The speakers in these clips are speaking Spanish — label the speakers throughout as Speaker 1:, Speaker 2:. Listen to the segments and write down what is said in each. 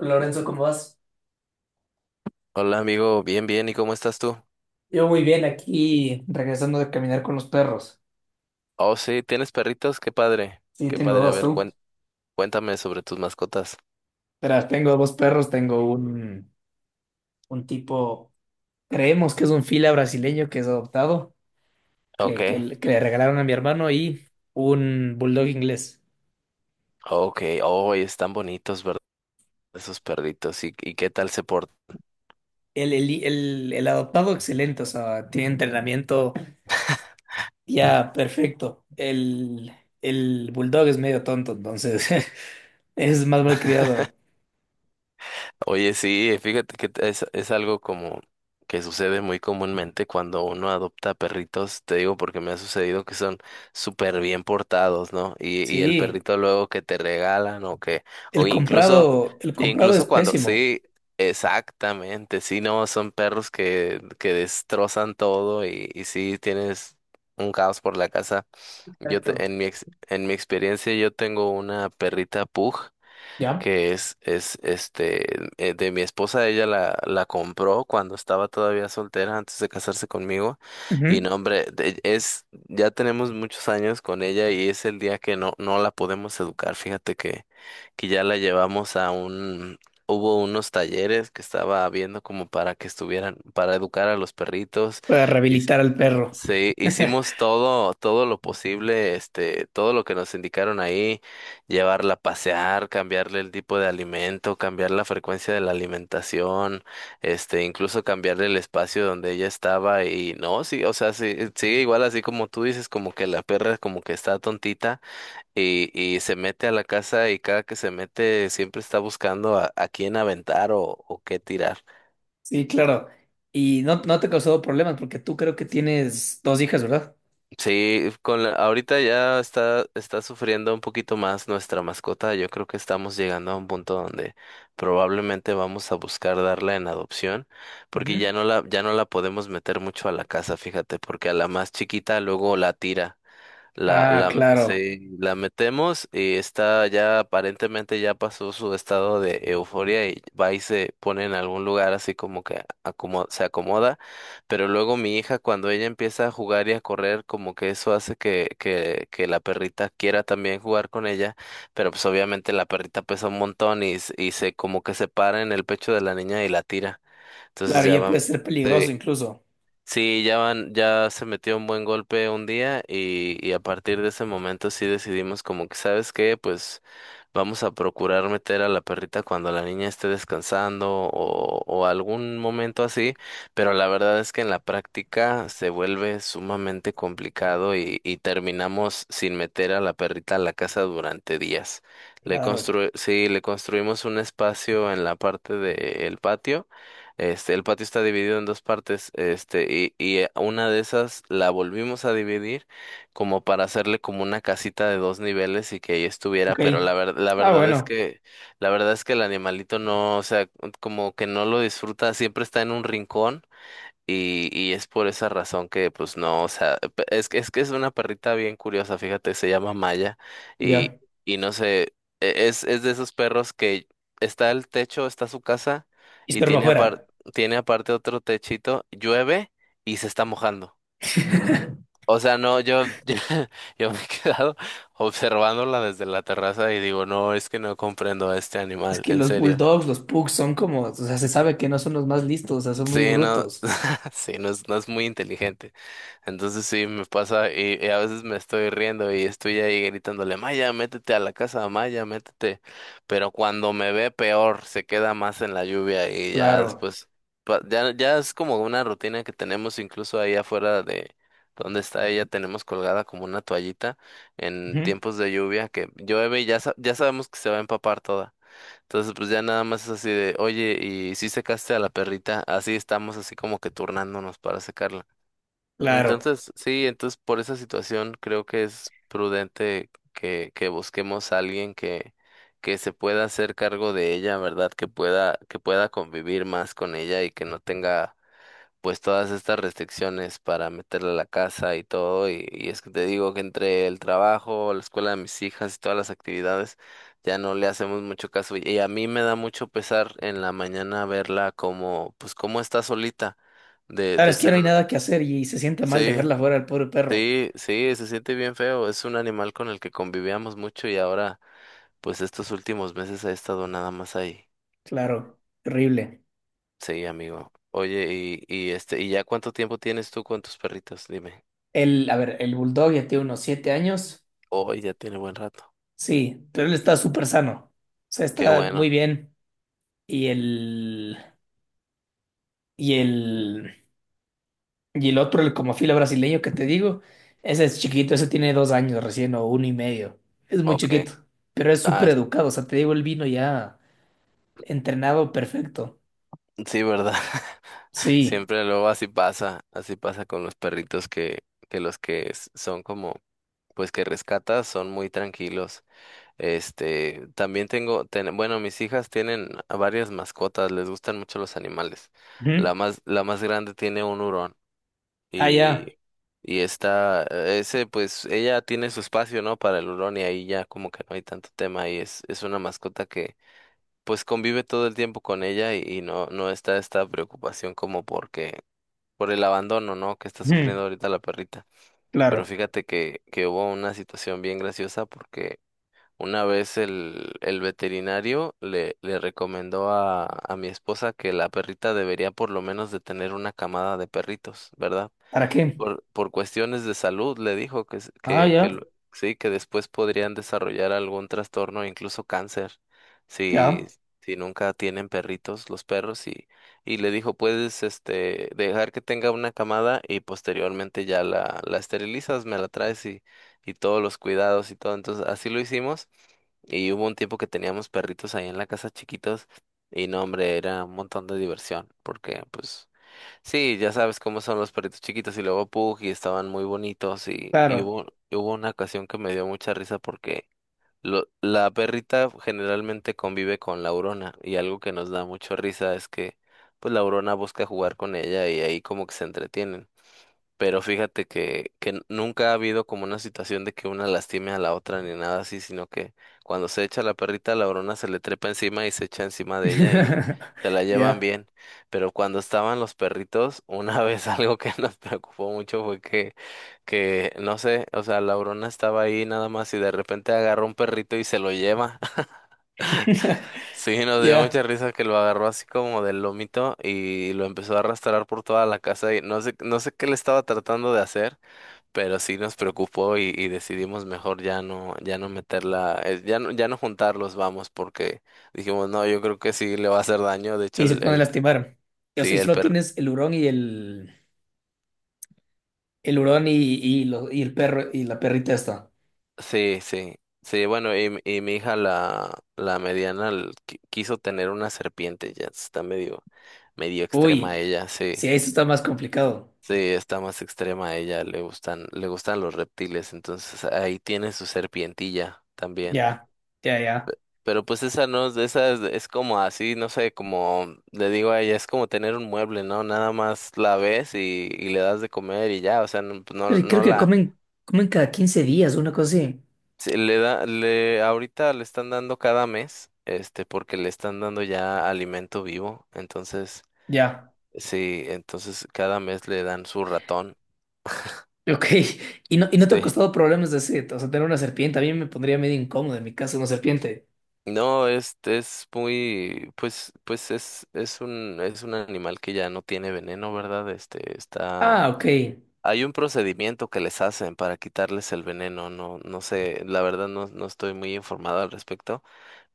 Speaker 1: Lorenzo, ¿cómo vas?
Speaker 2: Hola amigo, bien, bien, ¿y cómo estás tú?
Speaker 1: Yo muy bien aquí, regresando de caminar con los perros.
Speaker 2: Oh, sí, ¿tienes perritos? Qué padre,
Speaker 1: Sí,
Speaker 2: qué
Speaker 1: tengo
Speaker 2: padre. A
Speaker 1: dos,
Speaker 2: ver,
Speaker 1: tú.
Speaker 2: cuéntame sobre tus mascotas.
Speaker 1: Verás, tengo dos perros, tengo un tipo, creemos que es un fila brasileño que es adoptado,
Speaker 2: Ok,
Speaker 1: que le regalaron a mi hermano y un bulldog inglés.
Speaker 2: ok, oh, y están bonitos, ¿verdad? Esos perritos, ¿y qué tal se portan?
Speaker 1: El adoptado excelente, o sea, tiene entrenamiento ya perfecto. El bulldog es medio tonto, entonces es más malcriado.
Speaker 2: Oye, sí, fíjate que es algo como que sucede muy comúnmente cuando uno adopta perritos, te digo porque me ha sucedido que son súper bien portados, ¿no? Y el
Speaker 1: Sí,
Speaker 2: perrito luego que te regalan o
Speaker 1: el
Speaker 2: incluso,
Speaker 1: comprado, el comprado es
Speaker 2: incluso cuando,
Speaker 1: pésimo.
Speaker 2: sí, exactamente, sí, no, son perros que destrozan todo y sí tienes un caos por la casa. Yo te-
Speaker 1: Exacto.
Speaker 2: en mi ex- en mi experiencia yo tengo una perrita pug
Speaker 1: ¿Ya?
Speaker 2: que es de mi esposa. Ella la compró cuando estaba todavía soltera antes de casarse conmigo. Y
Speaker 1: Ujú.
Speaker 2: no, hombre, ya tenemos muchos años con ella y es el día que no la podemos educar. Fíjate que ya la llevamos a un, hubo unos talleres que estaba viendo como para que estuvieran, para educar a los perritos.
Speaker 1: Para rehabilitar al perro.
Speaker 2: Sí, hicimos todo, todo lo posible, todo lo que nos indicaron ahí: llevarla a pasear, cambiarle el tipo de alimento, cambiar la frecuencia de la alimentación, incluso cambiarle el espacio donde ella estaba. Y no, sí, o sea, sí, sigue igual, así como tú dices, como que la perra como que está tontita y, y se mete a la casa, y cada que se mete siempre está buscando a quién aventar o qué tirar.
Speaker 1: Sí, claro. Y no, no te ha causado problemas porque tú creo que tienes dos hijas, ¿verdad?
Speaker 2: Sí, ahorita ya está sufriendo un poquito más nuestra mascota. Yo creo que estamos llegando a un punto donde probablemente vamos a buscar darla en adopción, porque
Speaker 1: Ujú.
Speaker 2: ya no la podemos meter mucho a la casa, fíjate, porque a la más chiquita luego la tira.
Speaker 1: Ah, claro.
Speaker 2: Sí, la metemos y está ya, aparentemente ya pasó su estado de euforia, y va y se pone en algún lugar así, como que se acomoda. Pero luego mi hija, cuando ella empieza a jugar y a correr, como que eso hace que la perrita quiera también jugar con ella, pero pues obviamente la perrita pesa un montón, y se como que se para en el pecho de la niña y la tira. Entonces
Speaker 1: Claro,
Speaker 2: ya
Speaker 1: ya
Speaker 2: va.
Speaker 1: puede ser peligroso
Speaker 2: eh,
Speaker 1: incluso.
Speaker 2: Sí, ya van, ya se metió un buen golpe un día, y a partir de ese momento sí decidimos como que, ¿sabes qué? Pues vamos a procurar meter a la perrita cuando la niña esté descansando, o algún momento así, pero la verdad es que en la práctica se vuelve sumamente complicado, y terminamos sin meter a la perrita a la casa durante días. Le
Speaker 1: Claro.
Speaker 2: constru sí, le construimos un espacio en la parte del patio. El patio está dividido en dos partes, y una de esas la volvimos a dividir como para hacerle como una casita de dos niveles y que ahí estuviera,
Speaker 1: Ok.
Speaker 2: pero
Speaker 1: Ah, bueno.
Speaker 2: la verdad es que el animalito no, o sea, como que no lo disfruta, siempre está en un rincón, y es por esa razón que, pues no, o sea, es que es una perrita bien curiosa, fíjate. Se llama Maya, y,
Speaker 1: Ya.
Speaker 2: y no sé, es de esos perros que está el techo, está su casa
Speaker 1: Y
Speaker 2: y
Speaker 1: espero para afuera.
Speaker 2: tiene aparte otro techito, llueve y se está mojando. O sea, no, yo me he quedado observándola desde la terraza y digo, no, es que no comprendo a este
Speaker 1: Es
Speaker 2: animal,
Speaker 1: que
Speaker 2: en
Speaker 1: los
Speaker 2: serio.
Speaker 1: bulldogs, los pugs son como, o sea, se sabe que no son los más listos, o sea, son muy
Speaker 2: Sí, no,
Speaker 1: brutos.
Speaker 2: sí, no es muy inteligente. Entonces sí, me pasa, y a veces me estoy riendo y estoy ahí gritándole: Maya, métete a la casa, Maya, métete. Pero cuando me ve, peor, se queda más en la lluvia. Y ya
Speaker 1: Claro.
Speaker 2: después, ya, ya es como una rutina que tenemos. Incluso ahí afuera de donde está ella, tenemos colgada como una toallita en
Speaker 1: Ujú.
Speaker 2: tiempos de lluvia, que llueve y ya, ya sabemos que se va a empapar toda. Entonces, pues ya nada más es así de: oye, ¿y si secaste a la perrita? Así estamos, así como que turnándonos para secarla.
Speaker 1: Claro.
Speaker 2: Entonces, sí, entonces por esa situación creo que es prudente que busquemos a alguien que se pueda hacer cargo de ella, ¿verdad? Que pueda convivir más con ella y que no tenga pues todas estas restricciones para meterle a la casa y todo, y es que te digo que entre el trabajo, la escuela de mis hijas y todas las actividades, ya no le hacemos mucho caso. Y a mí me da mucho pesar en la mañana verla como, pues como está solita, de,
Speaker 1: Claro,
Speaker 2: de
Speaker 1: es que no
Speaker 2: ser,
Speaker 1: hay
Speaker 2: un-
Speaker 1: nada que hacer y se siente mal
Speaker 2: sí,
Speaker 1: dejarla fuera al pobre perro.
Speaker 2: sí, sí, se siente bien feo, es un animal con el que convivíamos mucho y ahora, pues estos últimos meses ha estado nada más ahí.
Speaker 1: Claro, terrible.
Speaker 2: Sí, amigo. Oye, ¿y ya cuánto tiempo tienes tú con tus perritos? Dime.
Speaker 1: El, a ver, el Bulldog ya tiene unos 7 años.
Speaker 2: Hoy ya tiene buen rato.
Speaker 1: Sí, pero él está súper sano. O sea,
Speaker 2: Qué
Speaker 1: está
Speaker 2: bueno.
Speaker 1: muy bien. Y el, y el, y el otro, el como fila brasileño que te digo, ese es chiquito, ese tiene 2 años recién o uno y medio. Es muy
Speaker 2: Ok.
Speaker 1: chiquito, pero es
Speaker 2: Ah,
Speaker 1: súper educado. O sea, te digo, él vino ya entrenado perfecto.
Speaker 2: sí, ¿verdad?
Speaker 1: Sí.
Speaker 2: Siempre luego así pasa con los perritos que los que son como, pues que rescatas, son muy tranquilos. Bueno, mis hijas tienen a varias mascotas, les gustan mucho los animales.
Speaker 1: Ujú.
Speaker 2: La más grande tiene un hurón.
Speaker 1: Ah, ya.
Speaker 2: y, pues ella tiene su espacio, ¿no? Para el hurón. Y ahí ya como que no hay tanto tema, y es una mascota, pues convive todo el tiempo con ella, y no está esta preocupación como porque, por el abandono, ¿no? que está
Speaker 1: Ujú.
Speaker 2: sufriendo ahorita la perrita. Pero
Speaker 1: Claro.
Speaker 2: fíjate que hubo una situación bien graciosa porque una vez el veterinario le recomendó a mi esposa que la perrita debería por lo menos de tener una camada de perritos, ¿verdad?
Speaker 1: ¿Para qué?
Speaker 2: Por cuestiones de salud, le dijo que, s-
Speaker 1: Ah,
Speaker 2: que
Speaker 1: ya.
Speaker 2: lo- sí, que después podrían desarrollar algún trastorno, incluso cáncer, si,
Speaker 1: Ya.
Speaker 2: si nunca tienen perritos los perros. Y le dijo: puedes, dejar que tenga una camada y posteriormente ya la esterilizas, me la traes, y todos los cuidados y todo. Entonces, así lo hicimos. Y hubo un tiempo que teníamos perritos ahí en la casa chiquitos y no, hombre, era un montón de diversión, porque pues sí, ya sabes cómo son los perritos chiquitos, y luego Pug, y estaban muy bonitos. Y
Speaker 1: Claro.
Speaker 2: hubo una ocasión que me dio mucha risa porque la perrita generalmente convive con la Aurona, y algo que nos da mucha risa es que pues la Aurona busca jugar con ella y ahí como que se entretienen. Pero fíjate que nunca ha habido como una situación de que una lastime a la otra ni nada así, sino que cuando se echa la perrita, la brona se le trepa encima y se echa encima de ella, y se la llevan
Speaker 1: Ya.
Speaker 2: bien. Pero cuando estaban los perritos, una vez algo que nos preocupó mucho fue que no sé, o sea, la brona estaba ahí nada más y de repente agarró un perrito y se lo lleva. Sí, nos dio
Speaker 1: Ya.
Speaker 2: mucha risa que lo agarró así como del lomito y lo empezó a arrastrar por toda la casa, y no sé, no sé qué le estaba tratando de hacer, pero sí nos preocupó, y decidimos mejor ya no, ya no, meterla, ya no juntarlos, vamos, porque dijimos, no, yo creo que sí le va a hacer daño. De hecho,
Speaker 1: Y se pone a lastimar. Y, o
Speaker 2: sí,
Speaker 1: sea, y solo tienes el hurón y, lo- y el perro y la perrita esta.
Speaker 2: sí, sí, sí, bueno, y mi hija, la mediana, quiso tener una serpiente. Ya está medio extrema
Speaker 1: Uy,
Speaker 2: ella, sí.
Speaker 1: sí, eso está más complicado.
Speaker 2: Sí, está más extrema ella, le gustan los reptiles, entonces ahí tiene su serpientilla también.
Speaker 1: Ya, ya, ya.
Speaker 2: Pero pues esa no, esa es como así, no sé, como le digo a ella, es como tener un mueble, ¿no? Nada más la ves y le das de comer y ya, o sea, no, pues, no,
Speaker 1: Pero creo
Speaker 2: no
Speaker 1: que
Speaker 2: la,
Speaker 1: comen, comen cada 15 días, una cosa así.
Speaker 2: se le da, le, ahorita le están dando cada mes, porque le están dando ya alimento vivo. Entonces,
Speaker 1: Ya,
Speaker 2: sí, entonces cada mes le dan su ratón,
Speaker 1: ok. Y no te ha
Speaker 2: sí.
Speaker 1: costado problemas de ese, o sea, tener una serpiente. A mí me pondría medio incómodo en mi casa una serpiente.
Speaker 2: No, este es muy, pues es un animal que ya no tiene veneno, ¿verdad? Este, está
Speaker 1: Ah, ok.
Speaker 2: Hay un procedimiento que les hacen para quitarles el veneno, no, no sé, la verdad no estoy muy informado al respecto,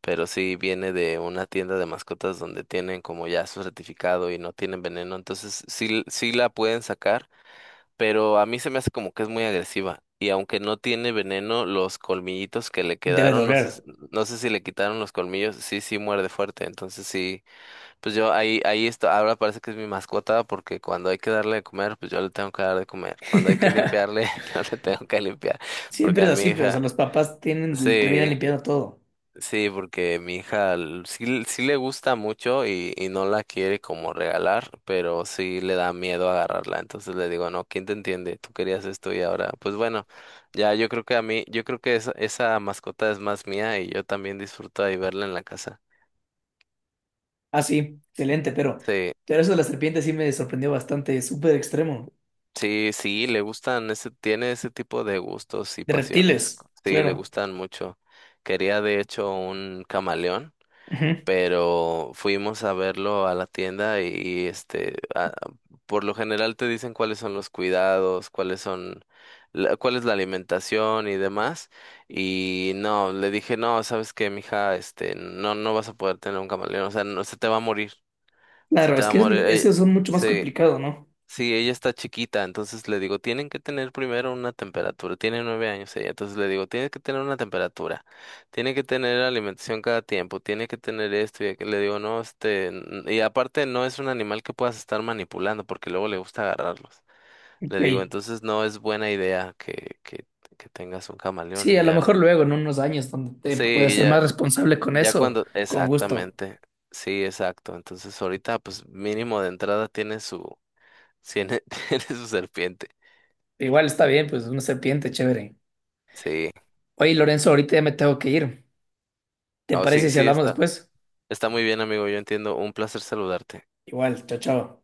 Speaker 2: pero sí viene de una tienda de mascotas donde tienen como ya su certificado y no tienen veneno, entonces sí, sí la pueden sacar, pero a mí se me hace como que es muy agresiva. Y aunque no tiene veneno, los colmillitos que le
Speaker 1: Debe
Speaker 2: quedaron, no sé,
Speaker 1: doler.
Speaker 2: no sé si le quitaron los colmillos, sí, sí muerde fuerte, entonces sí. Pues yo ahí está, ahora parece que es mi mascota porque cuando hay que darle de comer, pues yo le tengo que dar de comer. Cuando hay que limpiarle, yo le tengo que limpiar. Porque
Speaker 1: Siempre
Speaker 2: a
Speaker 1: es
Speaker 2: mi
Speaker 1: así, pero o sea,
Speaker 2: hija,
Speaker 1: los papás tienen, terminan
Speaker 2: Sí,
Speaker 1: limpiando todo.
Speaker 2: sí, porque mi hija l- sí, sí le gusta mucho, y no la quiere como regalar, pero sí le da miedo agarrarla. Entonces le digo, no, ¿quién te entiende? Tú querías esto y ahora, pues bueno, ya yo creo que esa mascota es más mía, y yo también disfruto ahí verla en la casa.
Speaker 1: Ah, sí, excelente,
Speaker 2: Sí.
Speaker 1: pero eso de la serpiente sí me sorprendió bastante, súper extremo.
Speaker 2: Sí, sí, tiene ese tipo de gustos y
Speaker 1: De
Speaker 2: pasiones.
Speaker 1: reptiles,
Speaker 2: Sí, le
Speaker 1: claro.
Speaker 2: gustan mucho. Quería de hecho un camaleón,
Speaker 1: Ujú.
Speaker 2: pero fuimos a verlo a la tienda por lo general te dicen cuáles son los cuidados, cuál es la alimentación y demás. Y no, le dije, no, sabes qué, mija, no vas a poder tener un camaleón, o sea, no, se te va a morir, se
Speaker 1: Claro,
Speaker 2: te
Speaker 1: es
Speaker 2: va a
Speaker 1: que es-
Speaker 2: morir.
Speaker 1: esos son mucho más
Speaker 2: Sí,
Speaker 1: complicados, ¿no?
Speaker 2: sí, ella está chiquita, entonces le digo, tienen que tener primero una temperatura, tiene 9 años ella, entonces le digo, tienes que tener una temperatura, tiene que tener alimentación cada tiempo, tiene que tener esto y aquello. Le digo, no, y aparte no es un animal que puedas estar manipulando, porque luego le gusta agarrarlos.
Speaker 1: Ok.
Speaker 2: Le digo, entonces no es buena idea que tengas un camaleón
Speaker 1: Sí,
Speaker 2: y
Speaker 1: a lo
Speaker 2: ya
Speaker 1: mejor
Speaker 2: lo...
Speaker 1: luego, en unos años, donde te puedas
Speaker 2: Sí,
Speaker 1: ser
Speaker 2: ya,
Speaker 1: más responsable con
Speaker 2: ya
Speaker 1: eso,
Speaker 2: cuando,
Speaker 1: con gusto.
Speaker 2: exactamente, sí, exacto, entonces ahorita pues mínimo de entrada tiene, tiene su serpiente.
Speaker 1: Igual está bien, pues una serpiente, chévere.
Speaker 2: Sí,
Speaker 1: Oye, Lorenzo, ahorita ya me tengo que ir. ¿Te
Speaker 2: no, sí,
Speaker 1: parece si
Speaker 2: sí,
Speaker 1: hablamos
Speaker 2: está,
Speaker 1: después?
Speaker 2: está muy bien, amigo. Yo entiendo. Un placer saludarte.
Speaker 1: Igual, chao, chao.